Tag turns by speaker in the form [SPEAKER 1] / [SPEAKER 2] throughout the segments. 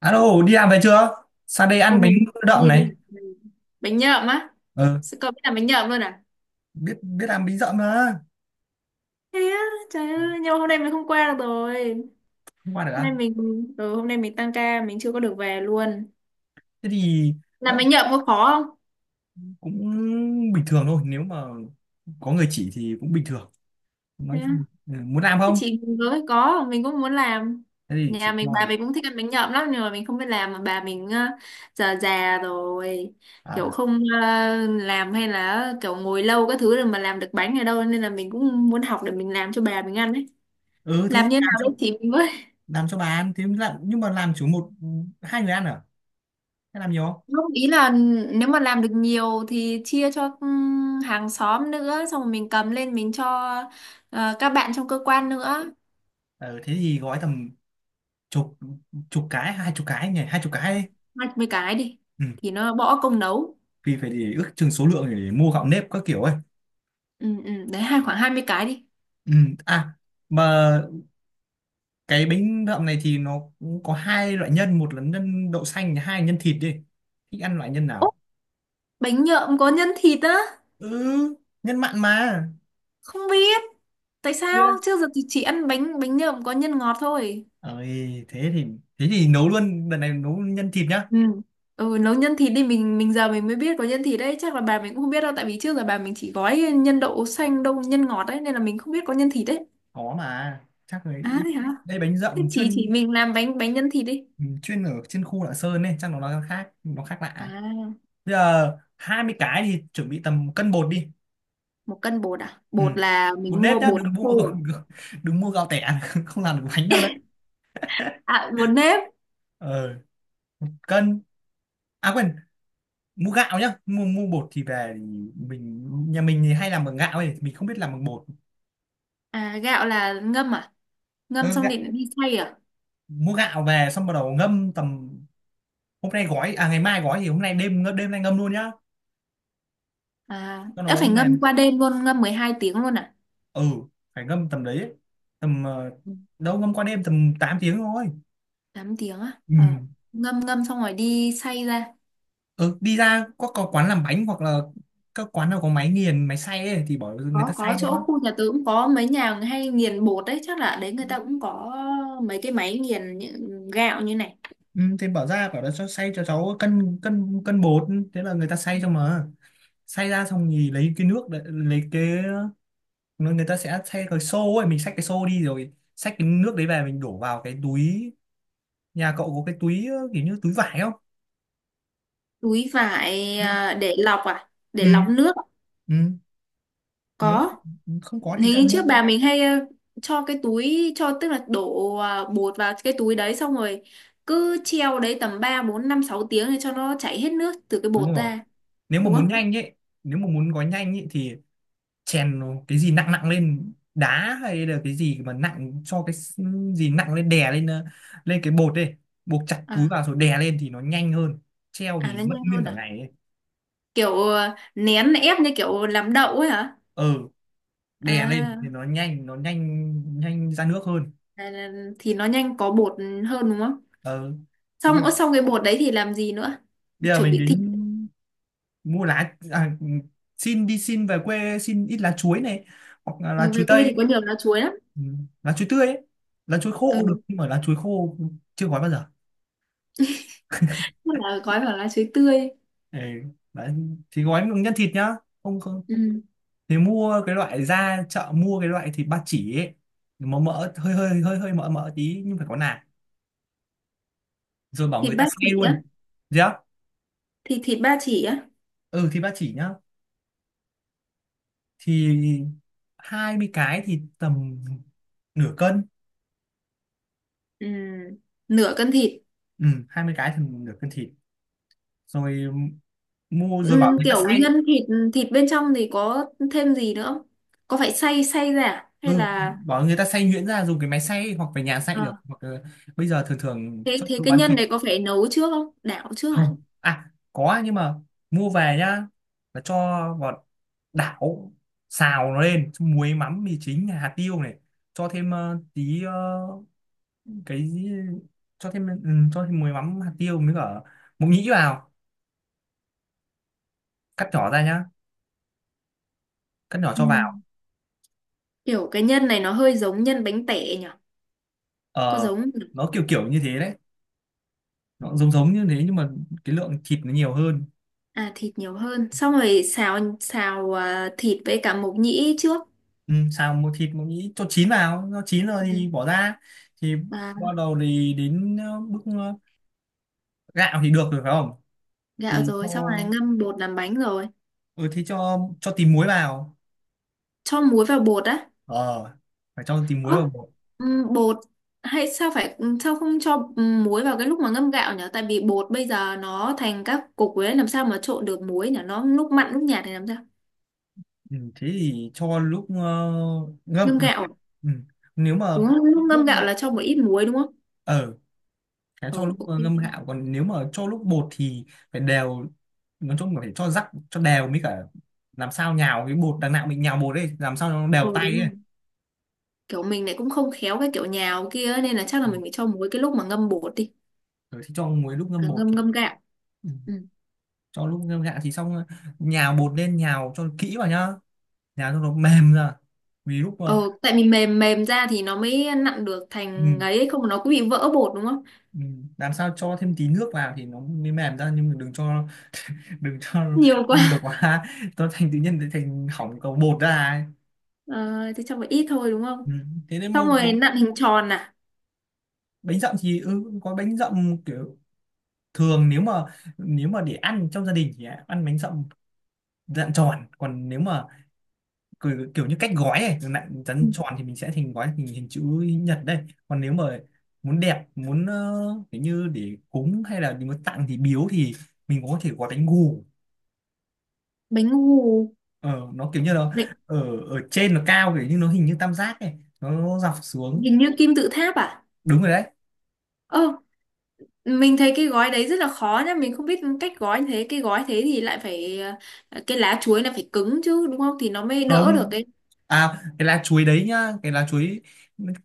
[SPEAKER 1] Alo, đi làm về chưa? Sang đây ăn
[SPEAKER 2] Bọn
[SPEAKER 1] bánh
[SPEAKER 2] mình gọi cái
[SPEAKER 1] đậm
[SPEAKER 2] gì
[SPEAKER 1] này.
[SPEAKER 2] là bánh nhậm á?
[SPEAKER 1] Ờ,
[SPEAKER 2] Sự cậu biết làm bánh nhậm luôn à?
[SPEAKER 1] biết biết làm bánh đậm mà.
[SPEAKER 2] Thế á? Trời ơi, nhưng mà hôm nay mình không qua được rồi.
[SPEAKER 1] Không qua được
[SPEAKER 2] Hôm
[SPEAKER 1] à?
[SPEAKER 2] nay hôm nay mình tăng ca, mình chưa có được về luôn.
[SPEAKER 1] Thế thì à,
[SPEAKER 2] Làm bánh nhậm có khó không?
[SPEAKER 1] cũng bình thường thôi, nếu mà có người chỉ thì cũng bình thường.
[SPEAKER 2] Thế
[SPEAKER 1] Nói
[SPEAKER 2] á?
[SPEAKER 1] chung muốn làm
[SPEAKER 2] Thế
[SPEAKER 1] không?
[SPEAKER 2] chị mình với có mình cũng muốn làm.
[SPEAKER 1] Thế thì
[SPEAKER 2] Nhà
[SPEAKER 1] chỉ
[SPEAKER 2] mình
[SPEAKER 1] ngon
[SPEAKER 2] bà
[SPEAKER 1] này.
[SPEAKER 2] mình cũng thích ăn bánh nhậm lắm, nhưng mà mình không biết làm mà bà mình già già rồi, kiểu
[SPEAKER 1] À,
[SPEAKER 2] không ờ, làm hay là kiểu ngồi lâu các thứ rồi mà làm được bánh ở đâu, nên là mình cũng muốn học để mình làm cho bà mình ăn ấy.
[SPEAKER 1] ừ, thế thì
[SPEAKER 2] Làm như
[SPEAKER 1] làm
[SPEAKER 2] nào đấy
[SPEAKER 1] cho
[SPEAKER 2] chị mình với.
[SPEAKER 1] làm cho bà ăn. Thế làm, nhưng mà làm chỉ một hai người ăn à? Thế làm nhiều không?
[SPEAKER 2] Không, ý là nếu mà làm được nhiều thì chia cho hàng xóm nữa, xong rồi mình cầm lên mình cho các bạn trong cơ quan nữa.
[SPEAKER 1] Ờ, thế thì gói tầm chục chục cái, hai chục cái nhỉ, hai chục cái đi.
[SPEAKER 2] Hai mươi cái đi,
[SPEAKER 1] Ừ,
[SPEAKER 2] thì nó bỏ công nấu.
[SPEAKER 1] vì phải để ước chừng số lượng để mua gạo nếp các kiểu ấy.
[SPEAKER 2] Ừ, ừ, đấy, hai khoảng 20 cái đi.
[SPEAKER 1] Ừ, à mà cái bánh đậm này thì nó cũng có hai loại nhân, một là nhân đậu xanh, hai là nhân thịt đi. Thích ăn loại nhân
[SPEAKER 2] Ố,
[SPEAKER 1] nào?
[SPEAKER 2] bánh nhợm có nhân thịt á?
[SPEAKER 1] Ừ, nhân mặn mà.
[SPEAKER 2] Không biết tại
[SPEAKER 1] Biết
[SPEAKER 2] sao
[SPEAKER 1] đấy
[SPEAKER 2] trước giờ thì chỉ ăn bánh bánh nhợm có nhân ngọt thôi.
[SPEAKER 1] ơi, thế thì nấu luôn, lần này nấu nhân thịt nhá.
[SPEAKER 2] Ừ, ừ, nấu nhân thịt đi. Mình giờ mình mới biết có nhân thịt đấy, chắc là bà mình cũng không biết đâu, tại vì trước giờ bà mình chỉ gói nhân đậu xanh, đậu nhân ngọt đấy, nên là mình không biết có nhân thịt đấy.
[SPEAKER 1] Khó mà, chắc là
[SPEAKER 2] À
[SPEAKER 1] ít-
[SPEAKER 2] thế hả?
[SPEAKER 1] đây bánh
[SPEAKER 2] Thế
[SPEAKER 1] dậm
[SPEAKER 2] chị
[SPEAKER 1] chuyên
[SPEAKER 2] mình làm bánh bánh nhân thịt đi.
[SPEAKER 1] chuyên ở trên khu Lạng Sơn nên chắc nó khác
[SPEAKER 2] À,
[SPEAKER 1] lạ. Bây giờ 20 cái thì chuẩn bị tầm một cân bột đi.
[SPEAKER 2] một cân bột à?
[SPEAKER 1] Ừ,
[SPEAKER 2] Bột là
[SPEAKER 1] bột
[SPEAKER 2] mình
[SPEAKER 1] nếp
[SPEAKER 2] mua
[SPEAKER 1] nhá,
[SPEAKER 2] bột
[SPEAKER 1] đừng mua
[SPEAKER 2] khô
[SPEAKER 1] đừng,
[SPEAKER 2] à?
[SPEAKER 1] đừng mua gạo tẻ không làm được bánh đâu đấy.
[SPEAKER 2] À, bột nếp.
[SPEAKER 1] Ờ, cân, à quên, mua gạo nhá. Mua mua bột thì về, thì mình nhà mình thì hay làm bằng gạo ấy, mình không biết làm bằng bột.
[SPEAKER 2] À, gạo là ngâm à? Ngâm
[SPEAKER 1] Ừ,
[SPEAKER 2] xong
[SPEAKER 1] gạo,
[SPEAKER 2] định đi xay à?
[SPEAKER 1] mua gạo về xong bắt đầu ngâm tầm, hôm nay gói à ngày mai gói, thì hôm nay đêm đêm nay ngâm luôn nhá.
[SPEAKER 2] À,
[SPEAKER 1] Cho nó
[SPEAKER 2] đã phải
[SPEAKER 1] hôm nay,
[SPEAKER 2] ngâm qua đêm luôn, ngâm 12 tiếng luôn à?
[SPEAKER 1] ừ phải ngâm tầm đấy ấy. Tầm
[SPEAKER 2] Ừ,
[SPEAKER 1] đâu ngâm qua đêm tầm 8 tiếng thôi.
[SPEAKER 2] 8 tiếng á?
[SPEAKER 1] Ừ.
[SPEAKER 2] Ờ. Ngâm ngâm xong rồi đi xay ra.
[SPEAKER 1] Ừ, đi ra có quán làm bánh, hoặc là các quán nào có máy nghiền máy xay ấy, thì bỏ người ta
[SPEAKER 2] Có
[SPEAKER 1] xay cho
[SPEAKER 2] chỗ
[SPEAKER 1] con.
[SPEAKER 2] khu nhà tớ cũng có mấy nhà hay nghiền bột đấy, chắc là ở đấy người ta cũng có mấy cái máy nghiền những gạo như này.
[SPEAKER 1] Ừ, thì bảo ra, bảo là cho xay cho cháu cân, cân bột, thế là người ta xay cho mà. Xay ra xong thì lấy cái nước đấy, lấy cái người người ta sẽ xay cái xô ấy, mình xách cái xô đi rồi xách cái nước đấy về, mình đổ vào cái túi. Nhà cậu có cái túi kiểu như túi vải không?
[SPEAKER 2] Túi vải
[SPEAKER 1] Ừ.
[SPEAKER 2] à?
[SPEAKER 1] Ừ.
[SPEAKER 2] Để lọc nước
[SPEAKER 1] Ừ. Nếu
[SPEAKER 2] có.
[SPEAKER 1] không có thì ra
[SPEAKER 2] Thì
[SPEAKER 1] mua.
[SPEAKER 2] trước bà mình hay cho cái túi cho, tức là đổ bột vào cái túi đấy, xong rồi cứ treo đấy tầm 3 4 5 6 tiếng để cho nó chảy hết nước từ cái
[SPEAKER 1] Đúng
[SPEAKER 2] bột
[SPEAKER 1] rồi,
[SPEAKER 2] ra,
[SPEAKER 1] nếu mà
[SPEAKER 2] đúng
[SPEAKER 1] muốn
[SPEAKER 2] không?
[SPEAKER 1] nhanh ấy, nếu mà muốn gói nhanh ấy thì chèn cái gì nặng nặng lên, đá hay là cái gì mà nặng, cho gì nặng lên, đè lên, lên cái bột đi, buộc chặt túi
[SPEAKER 2] À,
[SPEAKER 1] vào rồi đè lên thì nó nhanh hơn, treo
[SPEAKER 2] à
[SPEAKER 1] thì
[SPEAKER 2] nó
[SPEAKER 1] mất
[SPEAKER 2] nhanh
[SPEAKER 1] nguyên
[SPEAKER 2] hơn
[SPEAKER 1] cả
[SPEAKER 2] à?
[SPEAKER 1] ngày ấy.
[SPEAKER 2] Kiểu nén ép như kiểu làm đậu ấy hả?
[SPEAKER 1] Ờ, đè lên thì
[SPEAKER 2] À,
[SPEAKER 1] nó nhanh, nhanh ra nước hơn.
[SPEAKER 2] thì nó nhanh có bột hơn đúng không?
[SPEAKER 1] Ờ, thế
[SPEAKER 2] Xong
[SPEAKER 1] bột.
[SPEAKER 2] ớ, xong cái bột đấy thì làm gì nữa?
[SPEAKER 1] Bây giờ
[SPEAKER 2] Chuẩn
[SPEAKER 1] mình
[SPEAKER 2] bị
[SPEAKER 1] đến
[SPEAKER 2] thịt.
[SPEAKER 1] mua lá, à, xin về quê xin ít lá chuối này, hoặc là lá
[SPEAKER 2] Ừ,
[SPEAKER 1] chuối
[SPEAKER 2] về quê
[SPEAKER 1] tây.
[SPEAKER 2] thì có nhiều lá chuối lắm.
[SPEAKER 1] Ừ, lá chuối tươi ấy. Lá chuối khô cũng được,
[SPEAKER 2] Ừ,
[SPEAKER 1] nhưng mà lá chuối khô chưa gói bao giờ.
[SPEAKER 2] tức là gói vào lá chuối tươi.
[SPEAKER 1] Ừ, đấy. Thì gói bằng nhân thịt nhá. Không, không,
[SPEAKER 2] Ừ.
[SPEAKER 1] thì mua cái loại, ra chợ mua cái loại thịt ba chỉ ấy, mà mỡ hơi hơi hơi hơi mỡ mỡ tí nhưng phải có nạc, rồi bảo
[SPEAKER 2] Thịt
[SPEAKER 1] người ta
[SPEAKER 2] ba
[SPEAKER 1] xay
[SPEAKER 2] chỉ
[SPEAKER 1] luôn.
[SPEAKER 2] á,
[SPEAKER 1] Được.
[SPEAKER 2] thì thịt ba chỉ á.
[SPEAKER 1] Ừ, thịt ba chỉ nhá. Thì 20 cái thì tầm nửa cân.
[SPEAKER 2] Ừ, nửa cân thịt.
[SPEAKER 1] Ừ, 20 cái thì nửa cân thịt. Rồi mua rồi bảo
[SPEAKER 2] Ừ,
[SPEAKER 1] người ta
[SPEAKER 2] kiểu
[SPEAKER 1] xay.
[SPEAKER 2] nhân thịt, thịt bên trong thì có thêm gì nữa không? Có phải xay xay ra à? Hay
[SPEAKER 1] Ừ,
[SPEAKER 2] là
[SPEAKER 1] bảo người ta xay nhuyễn ra, dùng cái máy xay hoặc về nhà xay được,
[SPEAKER 2] Ờ.
[SPEAKER 1] hoặc là bây giờ thường thường
[SPEAKER 2] Thế
[SPEAKER 1] trong
[SPEAKER 2] thế
[SPEAKER 1] chỗ
[SPEAKER 2] cái
[SPEAKER 1] bán
[SPEAKER 2] nhân
[SPEAKER 1] thịt.
[SPEAKER 2] này có phải nấu trước không, đảo trước à?
[SPEAKER 1] Không, à có, à, nhưng mà mua về nhá, là cho vào đảo, xào nó lên xong muối mắm mì chính hạt tiêu này, cho thêm tí cái gì- cho thêm muối mắm hạt tiêu, mới cả mộc nhĩ vào, cắt nhỏ ra nhá, cắt nhỏ
[SPEAKER 2] Ừ.
[SPEAKER 1] cho vào.
[SPEAKER 2] Kiểu cái nhân này nó hơi giống nhân bánh tẻ nhỉ, có
[SPEAKER 1] Ờ,
[SPEAKER 2] giống không nhỉ?
[SPEAKER 1] nó kiểu kiểu như thế đấy, nó giống giống như thế nhưng mà cái lượng thịt nó nhiều hơn.
[SPEAKER 2] À thịt nhiều hơn, xong rồi xào xào à, thịt với cả mộc nhĩ trước.
[SPEAKER 1] Ừ, xào một thịt mộc nhĩ cho chín vào, nó chín rồi
[SPEAKER 2] Ừ.
[SPEAKER 1] thì bỏ ra. Thì
[SPEAKER 2] À
[SPEAKER 1] bắt đầu thì đến bước gạo thì được rồi phải không?
[SPEAKER 2] gạo
[SPEAKER 1] Thì cho.
[SPEAKER 2] rồi, xong rồi ngâm bột làm bánh rồi.
[SPEAKER 1] Ừ, thế cho tí muối vào.
[SPEAKER 2] Cho muối vào bột á?
[SPEAKER 1] Ờ, phải cho tí muối vào bột.
[SPEAKER 2] Bột hay sao, phải sao không cho muối vào cái lúc mà ngâm gạo nhỉ? Tại vì bột bây giờ nó thành các cục ấy, làm sao mà trộn được muối nhỉ? Nó lúc mặn lúc nhạt thì làm sao?
[SPEAKER 1] Ừ, thế thì cho lúc ngâm.
[SPEAKER 2] Ngâm gạo
[SPEAKER 1] Ừ. Nếu mà
[SPEAKER 2] đúng không?
[SPEAKER 1] cho
[SPEAKER 2] Lúc ngâm
[SPEAKER 1] lúc
[SPEAKER 2] gạo là cho một ít muối đúng không?
[SPEAKER 1] ờ
[SPEAKER 2] Ờ,
[SPEAKER 1] cho lúc
[SPEAKER 2] ok. Ok.
[SPEAKER 1] ngâm gạo, còn nếu mà cho lúc bột thì phải đều, nói chung là phải cho rắc cho đều, mới cả làm sao nhào cái bột, đằng nào mình nhào bột ấy làm sao nó
[SPEAKER 2] Ờ
[SPEAKER 1] đều
[SPEAKER 2] đúng
[SPEAKER 1] tay ấy.
[SPEAKER 2] rồi. Kiểu mình lại cũng không khéo cái kiểu nhào kia ấy, nên là chắc là
[SPEAKER 1] Ờ,
[SPEAKER 2] mình phải cho muối cái lúc mà ngâm bột đi.
[SPEAKER 1] rồi thì cho muối lúc ngâm
[SPEAKER 2] À,
[SPEAKER 1] bột,
[SPEAKER 2] ngâm
[SPEAKER 1] thì
[SPEAKER 2] ngâm gạo.
[SPEAKER 1] ừ,
[SPEAKER 2] Ừ.
[SPEAKER 1] cho lúc ngâm gạo thì xong. Ờ, nhào bột lên, nhào cho kỹ vào nhá, nhào cho nó mềm ra vì lúc
[SPEAKER 2] Ờ tại vì mềm mềm ra thì nó mới nặn được
[SPEAKER 1] ừ,
[SPEAKER 2] thành ấy, không nó cứ bị vỡ bột đúng không?
[SPEAKER 1] Ừ, làm sao cho thêm tí nước vào thì nó mới mềm ra, nhưng mà đừng cho
[SPEAKER 2] Nhiều
[SPEAKER 1] nhiều
[SPEAKER 2] quá.
[SPEAKER 1] quá, nó thành tự nhiên thành hỏng cầu bột ra ấy.
[SPEAKER 2] Ờ thì cho một ít thôi đúng
[SPEAKER 1] Ừ.
[SPEAKER 2] không?
[SPEAKER 1] Thế nên mà
[SPEAKER 2] Xong rồi
[SPEAKER 1] có
[SPEAKER 2] đến nặn hình tròn à?
[SPEAKER 1] bánh dặm, thì ừ, có bánh dặm kiểu thường, nếu mà để ăn trong gia đình thì ăn bánh dặm dạng tròn, còn nếu mà kiểu, kiểu như cách gói này dạng
[SPEAKER 2] Ừ,
[SPEAKER 1] rắn tròn thì mình sẽ thành gói hình hình chữ nhật đây, còn nếu mà muốn đẹp, muốn kiểu như để cúng hay là muốn tặng thì biếu, thì mình có thể gói bánh gù.
[SPEAKER 2] bánh ngô.
[SPEAKER 1] Ờ, nó kiểu như nó
[SPEAKER 2] Bánh-
[SPEAKER 1] ở ở trên nó cao, kiểu như nó hình như tam giác này, nó dọc xuống.
[SPEAKER 2] hình như kim tự tháp à?
[SPEAKER 1] Đúng rồi đấy.
[SPEAKER 2] Ơ mình thấy cái gói đấy rất là khó nhá, mình không biết cách gói, thế cái gói thế thì lại phải cái lá chuối là phải cứng chứ đúng không, thì nó mới đỡ được
[SPEAKER 1] Không,
[SPEAKER 2] cái
[SPEAKER 1] à cái lá chuối đấy nhá, cái lá chuối,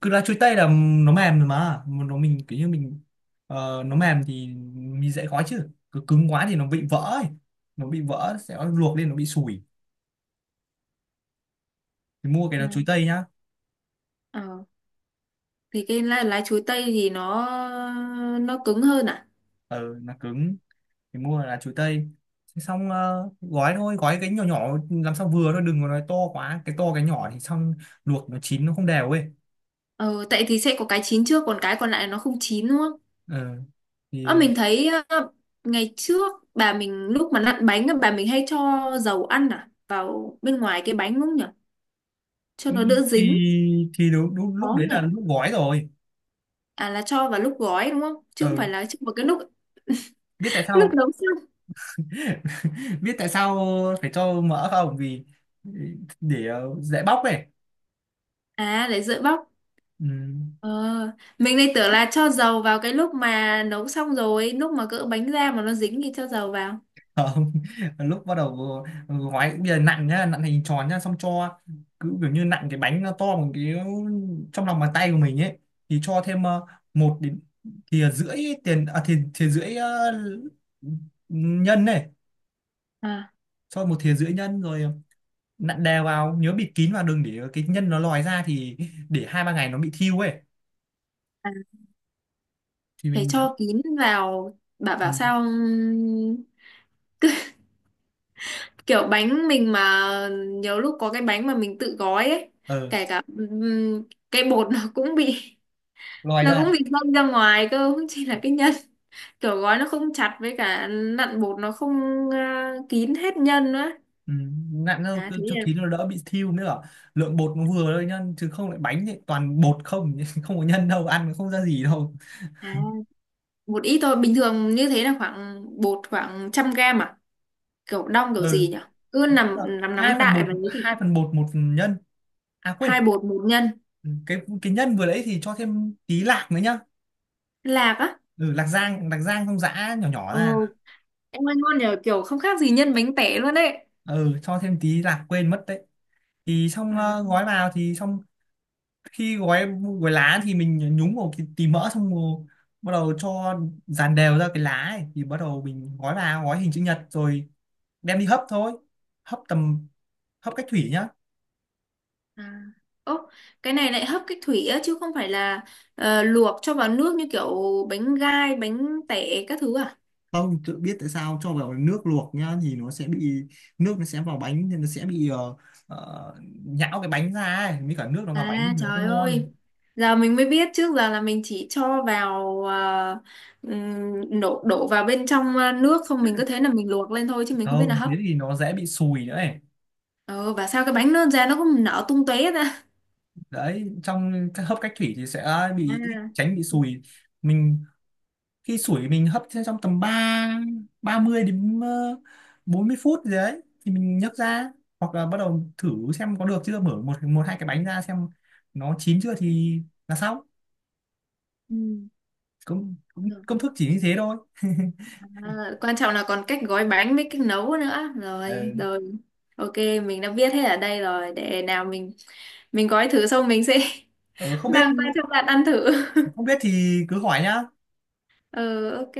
[SPEAKER 1] cứ lá chuối tây là nó mềm rồi Mà nó mình kiểu như nó mềm thì mình dễ gói, chứ cứ cứng quá thì nó bị vỡ ấy. Nó bị vỡ sẽ luộc lên nó bị sủi, thì mua cái
[SPEAKER 2] Ừ.
[SPEAKER 1] lá chuối tây nhá.
[SPEAKER 2] Ờ thì cái lá chuối tây thì nó cứng hơn à?
[SPEAKER 1] Ờ, nó cứng thì mua là chuối tây. Thế xong gói thôi, gói cái nhỏ nhỏ làm sao vừa thôi, đừng có nói to quá, cái to cái nhỏ thì xong luộc nó chín nó không đều ấy.
[SPEAKER 2] Ờ tại thì sẽ có cái chín trước, còn cái còn lại nó không chín đúng không?
[SPEAKER 1] Ờ.
[SPEAKER 2] Ờ
[SPEAKER 1] Thì
[SPEAKER 2] mình thấy ngày trước bà mình lúc mà nặn bánh á, bà mình hay cho dầu ăn vào bên ngoài cái bánh đúng không nhỉ, cho
[SPEAKER 1] ừ,
[SPEAKER 2] nó đỡ
[SPEAKER 1] thì
[SPEAKER 2] dính
[SPEAKER 1] đúng,
[SPEAKER 2] có
[SPEAKER 1] lúc đấy
[SPEAKER 2] không nhỉ?
[SPEAKER 1] là lúc gói rồi.
[SPEAKER 2] À là cho vào lúc gói đúng không, chứ không
[SPEAKER 1] Ờ,
[SPEAKER 2] phải là cho vào cái lúc
[SPEAKER 1] biết tại sao
[SPEAKER 2] lúc nấu xong.
[SPEAKER 1] biết tại sao phải cho mỡ không, vì để dễ bóc này.
[SPEAKER 2] À để dễ bóc.
[SPEAKER 1] Ừ,
[SPEAKER 2] Ờ, mình lại tưởng là cho dầu vào cái lúc mà nấu xong rồi, lúc mà cỡ bánh ra mà nó dính thì cho dầu vào.
[SPEAKER 1] không lúc bắt đầu gói. Bây giờ nặn nhá, nặn hình tròn nhá xong cho, cứ kiểu như nặn cái bánh nó to bằng cái trong lòng bàn tay của mình ấy, thì cho thêm một đến thìa rưỡi, tiền à thìa rưỡi nhân này,
[SPEAKER 2] À,
[SPEAKER 1] cho một thìa rưỡi nhân rồi nặn đều vào, nhớ bịt kín vào đừng để cái nhân nó lòi ra, thì để hai ba ngày nó bị thiêu ấy,
[SPEAKER 2] à
[SPEAKER 1] thì
[SPEAKER 2] phải
[SPEAKER 1] mình
[SPEAKER 2] cho kín vào, bà
[SPEAKER 1] ừ,
[SPEAKER 2] bảo sao, kiểu bánh mình mà nhiều lúc có cái bánh mà mình tự gói ấy,
[SPEAKER 1] ờ
[SPEAKER 2] kể cả cái bột
[SPEAKER 1] lòi
[SPEAKER 2] nó cũng
[SPEAKER 1] ra.
[SPEAKER 2] bị dâng ra ngoài cơ, không chỉ là cái nhân, kiểu gói nó không chặt với cả nặn bột nó không à, kín hết nhân nữa.
[SPEAKER 1] Ừ, nặng hơn
[SPEAKER 2] À
[SPEAKER 1] cứ
[SPEAKER 2] thế
[SPEAKER 1] cho
[SPEAKER 2] là
[SPEAKER 1] ký nó đỡ bị thiêu nữa, lượng bột nó vừa thôi nhá, chứ không lại bánh thì toàn bột không không có nhân đâu, ăn nó không ra gì đâu.
[SPEAKER 2] À, một ít thôi, bình thường như thế là khoảng bột khoảng 100 g à, kiểu đong kiểu gì
[SPEAKER 1] Ừ.
[SPEAKER 2] nhỉ, cứ
[SPEAKER 1] Nói chung
[SPEAKER 2] nằm
[SPEAKER 1] là
[SPEAKER 2] nắm nắm đại và lấy.
[SPEAKER 1] hai phần bột một phần nhân, à quên,
[SPEAKER 2] Hai bột một nhân.
[SPEAKER 1] ừ, cái nhân vừa đấy thì cho thêm tí lạc nữa nhá.
[SPEAKER 2] Lạc á?
[SPEAKER 1] Ừ, lạc rang không, giã nhỏ nhỏ
[SPEAKER 2] Ồ,
[SPEAKER 1] ra.
[SPEAKER 2] em ơi ngon nhờ, kiểu không khác gì nhân bánh tẻ luôn đấy.
[SPEAKER 1] Ừ, cho thêm tí lạc quên mất đấy, thì xong
[SPEAKER 2] À,
[SPEAKER 1] gói vào thì xong. Khi gói, lá thì mình nhúng vào cái tí mỡ xong rồi bắt đầu cho dàn đều ra cái lá ấy. Thì bắt đầu mình gói vào, gói hình chữ nhật rồi đem đi hấp thôi. hấp tầm Hấp cách thủy nhá.
[SPEAKER 2] à. Ố, cái này lại hấp cách thủy á chứ không phải là luộc cho vào nước như kiểu bánh gai bánh tẻ các thứ à?
[SPEAKER 1] Không, tự biết tại sao cho vào nước luộc nhá thì nó sẽ bị nước, nó sẽ vào bánh nên nó sẽ bị ờ, nhão cái bánh ra ấy, mới cả nước nó vào bánh thì
[SPEAKER 2] À
[SPEAKER 1] nó
[SPEAKER 2] trời
[SPEAKER 1] không ngon.
[SPEAKER 2] ơi, giờ mình mới biết, trước giờ là mình chỉ cho vào đổ đổ vào bên trong à, nước không mình cứ thế là mình luộc lên thôi chứ mình không biết là
[SPEAKER 1] Không,
[SPEAKER 2] hấp.
[SPEAKER 1] thế thì nó dễ bị sùi nữa ấy,
[SPEAKER 2] Ờ và sao cái bánh nó ra nó cũng nở tung tóe ra.
[SPEAKER 1] đấy trong cái hấp cách thủy thì sẽ bị ít,
[SPEAKER 2] À.
[SPEAKER 1] tránh bị sùi. Mình khi sủi mình hấp trong, tầm 3 30 đến 40 phút gì đấy thì mình nhấc ra, hoặc là bắt đầu thử xem có được chưa, mở một một hai cái bánh ra xem nó chín chưa thì là xong.
[SPEAKER 2] Ừ.
[SPEAKER 1] Công công,
[SPEAKER 2] Được.
[SPEAKER 1] Công thức chỉ như thế thôi.
[SPEAKER 2] À, quan trọng là còn cách gói bánh với cách nấu nữa.
[SPEAKER 1] Ờ,
[SPEAKER 2] Rồi, rồi. Ok, mình đã biết hết ở đây rồi. Để nào mình gói thử xong mình sẽ
[SPEAKER 1] ờ,
[SPEAKER 2] mang qua cho bạn ăn thử.
[SPEAKER 1] không biết thì cứ hỏi nhá.
[SPEAKER 2] Ừ ok.